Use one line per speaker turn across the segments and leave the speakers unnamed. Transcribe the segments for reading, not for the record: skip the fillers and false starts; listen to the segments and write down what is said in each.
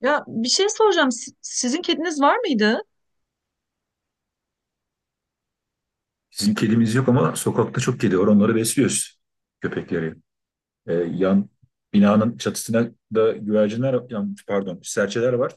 Ya bir şey soracağım. Sizin kediniz var mıydı?
Bizim kedimiz yok ama sokakta çok kedi var. Onları besliyoruz. Köpekleri. Yan binanın çatısına da güvercinler, pardon, serçeler var.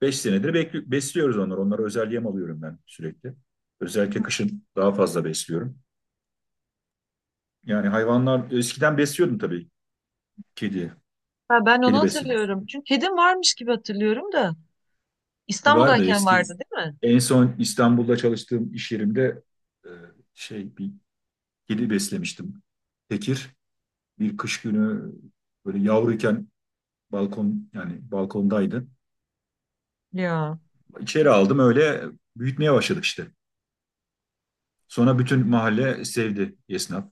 Beş senedir besliyoruz onları. Onlara özel yem alıyorum ben sürekli. Özellikle kışın daha fazla besliyorum. Yani hayvanlar eskiden besliyordum tabii kedi.
Ha, ben onu
Kedi besledim.
hatırlıyorum. Çünkü kedim varmış gibi hatırlıyorum da.
Var da
İstanbul'dayken vardı
eski.
değil mi?
En son İstanbul'da çalıştığım iş yerimde e, şey bir kedi beslemiştim. Tekir bir kış günü böyle yavruyken balkon, yani balkondaydı.
Ya
İçeri aldım, öyle büyütmeye başladık işte. Sonra bütün mahalle sevdi, esnaf.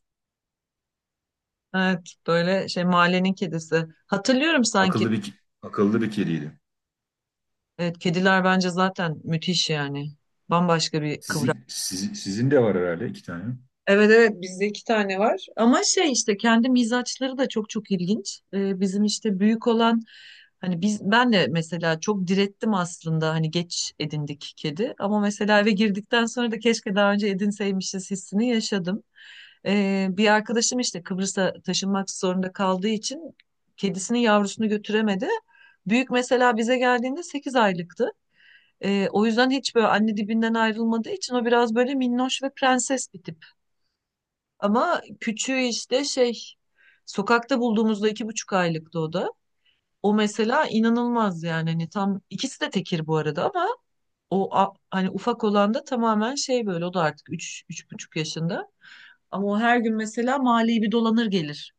evet, böyle şey mahallenin kedisi. Hatırlıyorum sanki.
Akıllı bir Akıllı bir kediydi.
Evet, kediler bence zaten müthiş yani. Bambaşka bir kıvrak.
Sizin de var herhalde iki tane.
Evet evet, bizde iki tane var ama şey işte kendi mizaçları da çok çok ilginç. Bizim işte büyük olan hani ben de mesela çok direttim aslında. Hani geç edindik kedi ama mesela eve girdikten sonra da keşke daha önce edinseymişiz hissini yaşadım. Bir arkadaşım işte Kıbrıs'a taşınmak zorunda kaldığı için kedisinin yavrusunu götüremedi. Büyük mesela bize geldiğinde 8 aylıktı. O yüzden hiç böyle anne dibinden ayrılmadığı için o biraz böyle minnoş ve prenses bir tip. Ama küçüğü işte şey sokakta bulduğumuzda 2,5 aylıktı o da. O mesela inanılmaz, yani hani tam ikisi de tekir bu arada ama hani ufak olan da tamamen şey böyle, o da artık 3, 3,5 yaşında. Ama o her gün mesela mahalleyi bir dolanır gelir,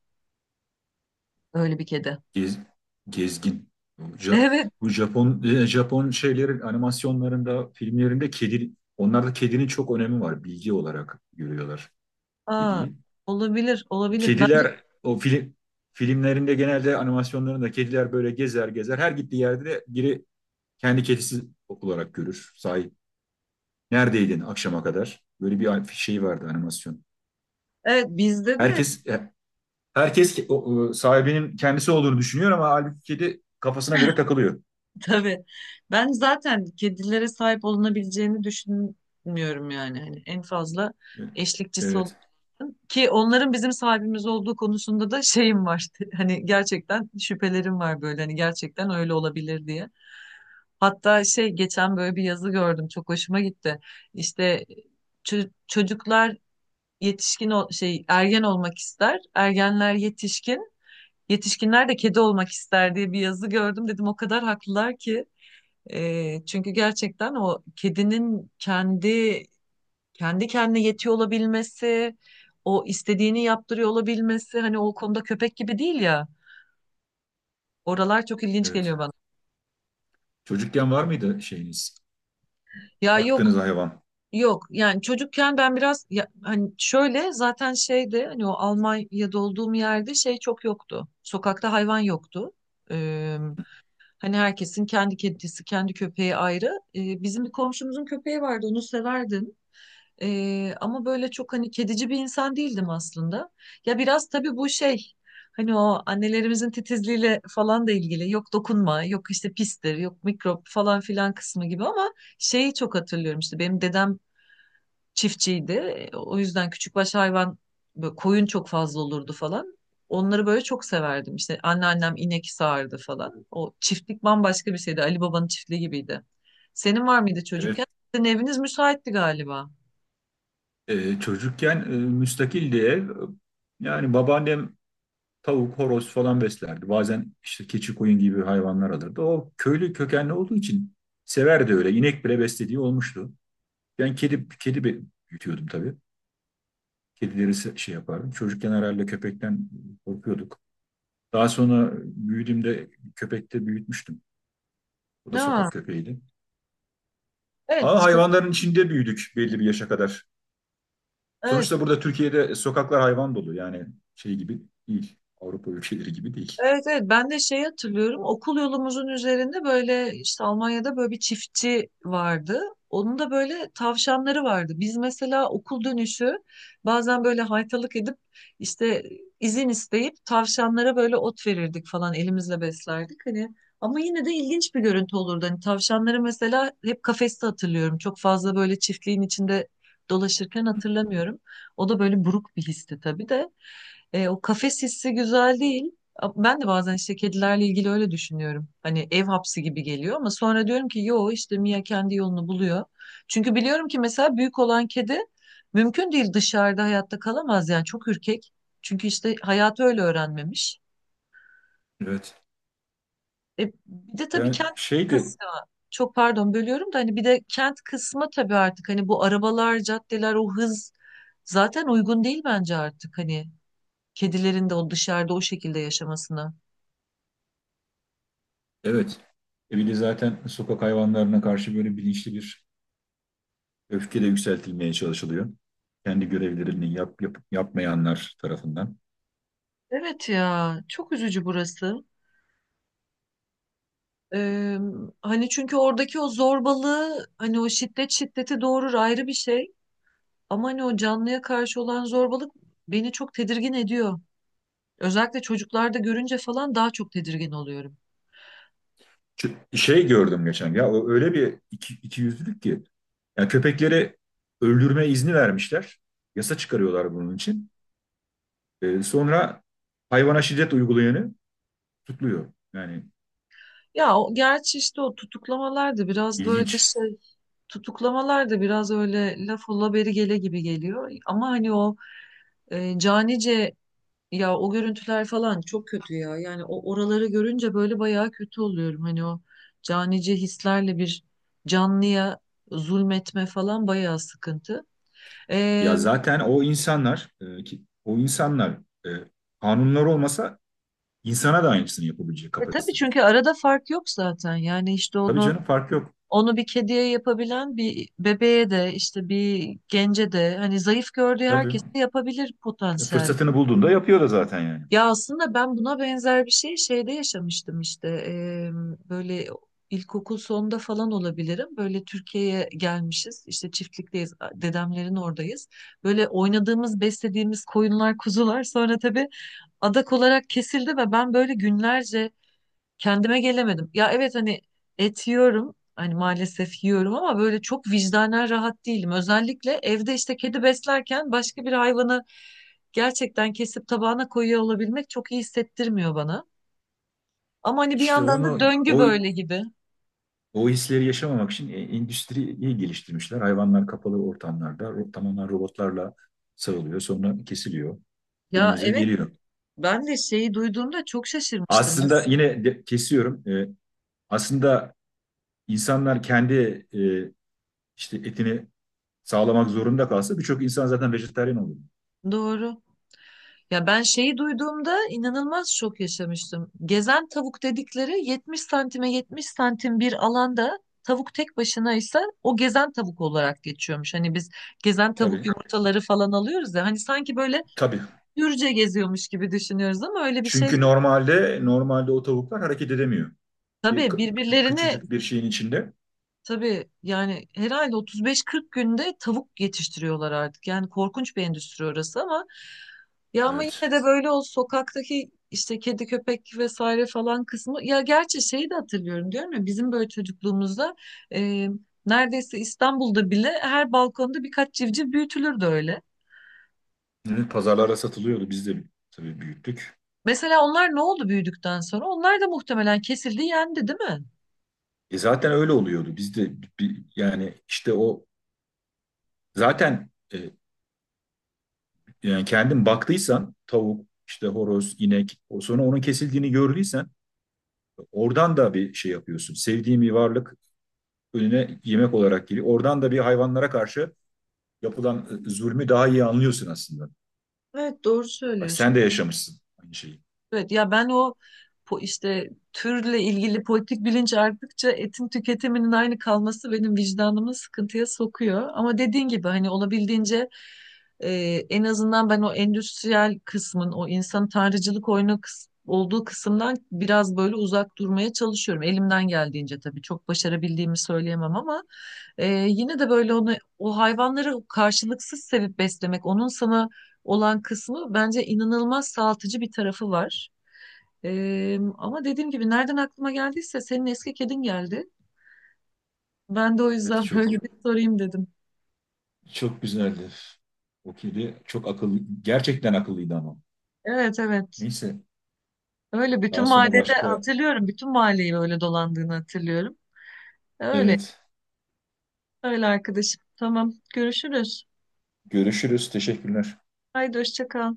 öyle bir kedi.
Gez, Gezgin. Bu Ja-
Evet.
Bu Japon Japon şeylerin animasyonlarında, filmlerinde kedi, onlarda kedinin çok önemi var. Bilgi olarak görüyorlar
Aa,
kediyi.
olabilir olabilir.
Kediler o filmlerinde, genelde animasyonlarında, kediler böyle gezer gezer, her gittiği yerde de biri kendi kedisi olarak görür, sahip. Neredeydin akşama kadar? Böyle bir şey vardı, animasyon.
Evet, bizde de.
Herkes sahibinin kendisi olduğunu düşünüyor ama halbuki kedi kafasına göre takılıyor.
Tabii. Ben zaten kedilere sahip olunabileceğini düşünmüyorum yani. Hani en fazla
E,
eşlikçisi olur.
Evet,
Ki onların bizim sahibimiz olduğu konusunda da şeyim var. Hani gerçekten şüphelerim var böyle. Hani gerçekten öyle olabilir diye. Hatta şey geçen böyle bir yazı gördüm. Çok hoşuma gitti. İşte çocuklar yetişkin ol- şey ergen olmak ister. Ergenler yetişkin. Yetişkinler de kedi olmak ister diye bir yazı gördüm. Dedim o kadar haklılar ki. Çünkü gerçekten o kedinin kendi kendine yetiyor olabilmesi, o istediğini yaptırıyor olabilmesi, hani o konuda köpek gibi değil ya. Oralar çok ilginç
evet.
geliyor bana.
Çocukken var mıydı şeyiniz?
Ya yok,
Baktığınız hayvan.
yok yani. Çocukken ben biraz ya, hani şöyle zaten şeyde, hani o Almanya'da olduğum yerde şey çok yoktu. Sokakta hayvan yoktu. Ee, hani herkesin kendi kedisi, kendi köpeği ayrı. Bizim bir komşumuzun köpeği vardı, onu severdim. Ama böyle çok hani kedici bir insan değildim aslında. Ya biraz tabii bu şey, hani o annelerimizin titizliğiyle falan da ilgili. Yok dokunma, yok işte pistir, yok mikrop falan filan kısmı gibi ama şeyi çok hatırlıyorum. İşte benim dedem çiftçiydi. O yüzden küçükbaş hayvan böyle koyun çok fazla olurdu falan. Onları böyle çok severdim. İşte anneannem inek sağardı falan. O çiftlik bambaşka bir şeydi. Ali Baba'nın çiftliği gibiydi. Senin var mıydı
Evet.
çocukken? Sizin eviniz müsaitti galiba.
Çocukken müstakildi ev. Yani babaannem tavuk, horoz falan beslerdi. Bazen işte keçi, koyun gibi hayvanlar alırdı. O köylü kökenli olduğu için severdi öyle. İnek bile beslediği olmuştu. Ben büyütüyordum tabii. Kedileri şey yapardım. Çocukken herhalde köpekten korkuyorduk. Daha sonra büyüdüğümde köpekte büyütmüştüm. O da
Ne?
sokak köpeğiydi.
Evet,
Ama hayvanların içinde büyüdük belli bir yaşa kadar.
evet,
Sonuçta burada Türkiye'de sokaklar hayvan dolu. Yani şey gibi değil. Avrupa ülkeleri gibi değil.
evet, evet. Ben de şey hatırlıyorum. Okul yolumuzun üzerinde böyle işte Almanya'da böyle bir çiftçi vardı. Onun da böyle tavşanları vardı. Biz mesela okul dönüşü bazen böyle haytalık edip işte izin isteyip tavşanlara böyle ot verirdik falan, elimizle beslerdik. Hani ama yine de ilginç bir görüntü olurdu. Hani tavşanları mesela hep kafeste hatırlıyorum. Çok fazla böyle çiftliğin içinde dolaşırken hatırlamıyorum. O da böyle buruk bir histi tabii de. O kafes hissi güzel değil. Ben de bazen işte kedilerle ilgili öyle düşünüyorum. Hani ev hapsi gibi geliyor ama sonra diyorum ki yo, işte Mia kendi yolunu buluyor. Çünkü biliyorum ki mesela büyük olan kedi mümkün değil dışarıda hayatta kalamaz, yani çok ürkek. Çünkü işte hayatı öyle öğrenmemiş.
Evet.
Bir de tabii
Yani
kent
şeydi.
kısmı. Çok pardon bölüyorum da, hani bir de kent kısmı tabii. Artık hani bu arabalar, caddeler, o hız zaten uygun değil bence artık, hani kedilerin de o dışarıda o şekilde yaşamasına.
Evet. E bir de zaten sokak hayvanlarına karşı böyle bilinçli bir öfke de yükseltilmeye çalışılıyor. Kendi görevlerini yapmayanlar tarafından.
Evet ya, çok üzücü burası. Ee, hani çünkü oradaki o zorbalığı, hani o şiddet şiddeti doğurur ayrı bir şey. Ama hani o canlıya karşı olan zorbalık beni çok tedirgin ediyor. Özellikle çocuklarda görünce falan daha çok tedirgin oluyorum.
Şey gördüm geçen ya, o öyle bir ikiyüzlülük ki. Yani köpekleri öldürme izni vermişler. Yasa çıkarıyorlar bunun için. Sonra hayvana şiddet uygulayanı tutuyor. Yani
Ya o, gerçi işte o
ilginç.
tutuklamalar da biraz öyle laf ola beri gele gibi geliyor. Ama hani o canice... Ya o görüntüler falan çok kötü ya. Yani o oraları görünce böyle bayağı kötü oluyorum. Hani o canice hislerle bir canlıya zulmetme falan bayağı sıkıntı.
Ya
Ee,
zaten o insanlar o insanlar e, kanunlar olmasa insana da aynısını yapabilecek
tabii
kapasitede.
çünkü arada fark yok zaten. Yani işte
Tabii canım, fark yok.
onu bir kediye yapabilen, bir bebeğe de işte bir gence de, hani zayıf gördüğü
Tabii
herkese yapabilir potansiyel.
fırsatını bulduğunda yapıyor da zaten yani.
Ya aslında ben buna benzer bir şey şeyde yaşamıştım. İşte böyle ilkokul sonunda falan olabilirim. Böyle Türkiye'ye gelmişiz, işte çiftlikteyiz, dedemlerin oradayız. Böyle oynadığımız, beslediğimiz koyunlar, kuzular sonra tabii adak olarak kesildi ve ben böyle günlerce kendime gelemedim. Ya evet, hani et yiyorum. Hani maalesef yiyorum ama böyle çok vicdanen rahat değilim. Özellikle evde işte kedi beslerken başka bir hayvanı gerçekten kesip tabağına koyuyor olabilmek çok iyi hissettirmiyor bana. Ama hani bir
İşte
yandan da
onu
döngü
o,
böyle gibi.
o hisleri yaşamamak için endüstriyi geliştirmişler. Hayvanlar kapalı ortamlarda tamamen robotlarla sarılıyor. Sonra kesiliyor.
Ya
Önümüze
evet,
geliyor.
ben de şeyi duyduğumda çok şaşırmıştım.
Aslında kesiyorum. Aslında insanlar kendi e, işte etini sağlamak zorunda kalsa birçok insan zaten vejetaryen olur.
Doğru. Ya ben şeyi duyduğumda inanılmaz şok yaşamıştım. Gezen tavuk dedikleri 70 santime 70 santim bir alanda tavuk tek başına ise o gezen tavuk olarak geçiyormuş. Hani biz gezen tavuk
Tabii.
yumurtaları falan alıyoruz ya, hani sanki böyle
Tabii.
hürce geziyormuş gibi düşünüyoruz ama öyle bir şey
Çünkü
değil.
normalde o tavuklar hareket edemiyor. Bir,
Tabii
k-
birbirlerine...
Küçücük bir şeyin içinde.
Tabii yani herhalde 35-40 günde tavuk yetiştiriyorlar artık. Yani korkunç bir endüstri orası ama ya, ama
Evet.
yine de böyle o sokaktaki işte kedi, köpek vesaire falan kısmı. Ya gerçi şeyi de hatırlıyorum, diyorum ya, bizim böyle çocukluğumuzda e, neredeyse İstanbul'da bile her balkonda birkaç civciv büyütülürdü öyle.
Evet, pazarlara satılıyordu. Biz de tabii büyüttük.
Mesela onlar ne oldu büyüdükten sonra? Onlar da muhtemelen kesildi, yendi değil mi?
E zaten öyle oluyordu. Yani işte o zaten yani kendin baktıysan tavuk, işte horoz, inek, o sonra onun kesildiğini gördüysen oradan da bir şey yapıyorsun. Sevdiğin bir varlık önüne yemek olarak geliyor. Oradan da bir hayvanlara karşı yapılan zulmü daha iyi anlıyorsun aslında.
Evet doğru
Bak
söylüyorsun.
sen de yaşamışsın aynı şeyi.
Evet ya, ben o işte türle ilgili politik bilinç arttıkça etin tüketiminin aynı kalması benim vicdanımı sıkıntıya sokuyor. Ama dediğin gibi hani olabildiğince e, en azından ben o endüstriyel kısmın o insan tanrıcılık oyunu olduğu kısımdan biraz böyle uzak durmaya çalışıyorum. Elimden geldiğince tabii, çok başarabildiğimi söyleyemem ama yine de böyle onu, o hayvanları karşılıksız sevip beslemek, onun sana olan kısmı bence inanılmaz sağaltıcı bir tarafı var. Ama dediğim gibi nereden aklıma geldiyse senin eski kedin geldi. Ben de o
Evet
yüzden
çok
böyle bir sorayım dedim.
çok güzeldi. O kedi çok akıllı, gerçekten akıllıydı ama.
Evet evet.
Neyse,
Öyle bütün
daha sonra
mahallede
başka,
hatırlıyorum. Bütün mahalleyi öyle dolandığını hatırlıyorum. Öyle.
evet,
Öyle arkadaşım. Tamam. Görüşürüz.
görüşürüz. Teşekkürler.
Haydi hoşça kal.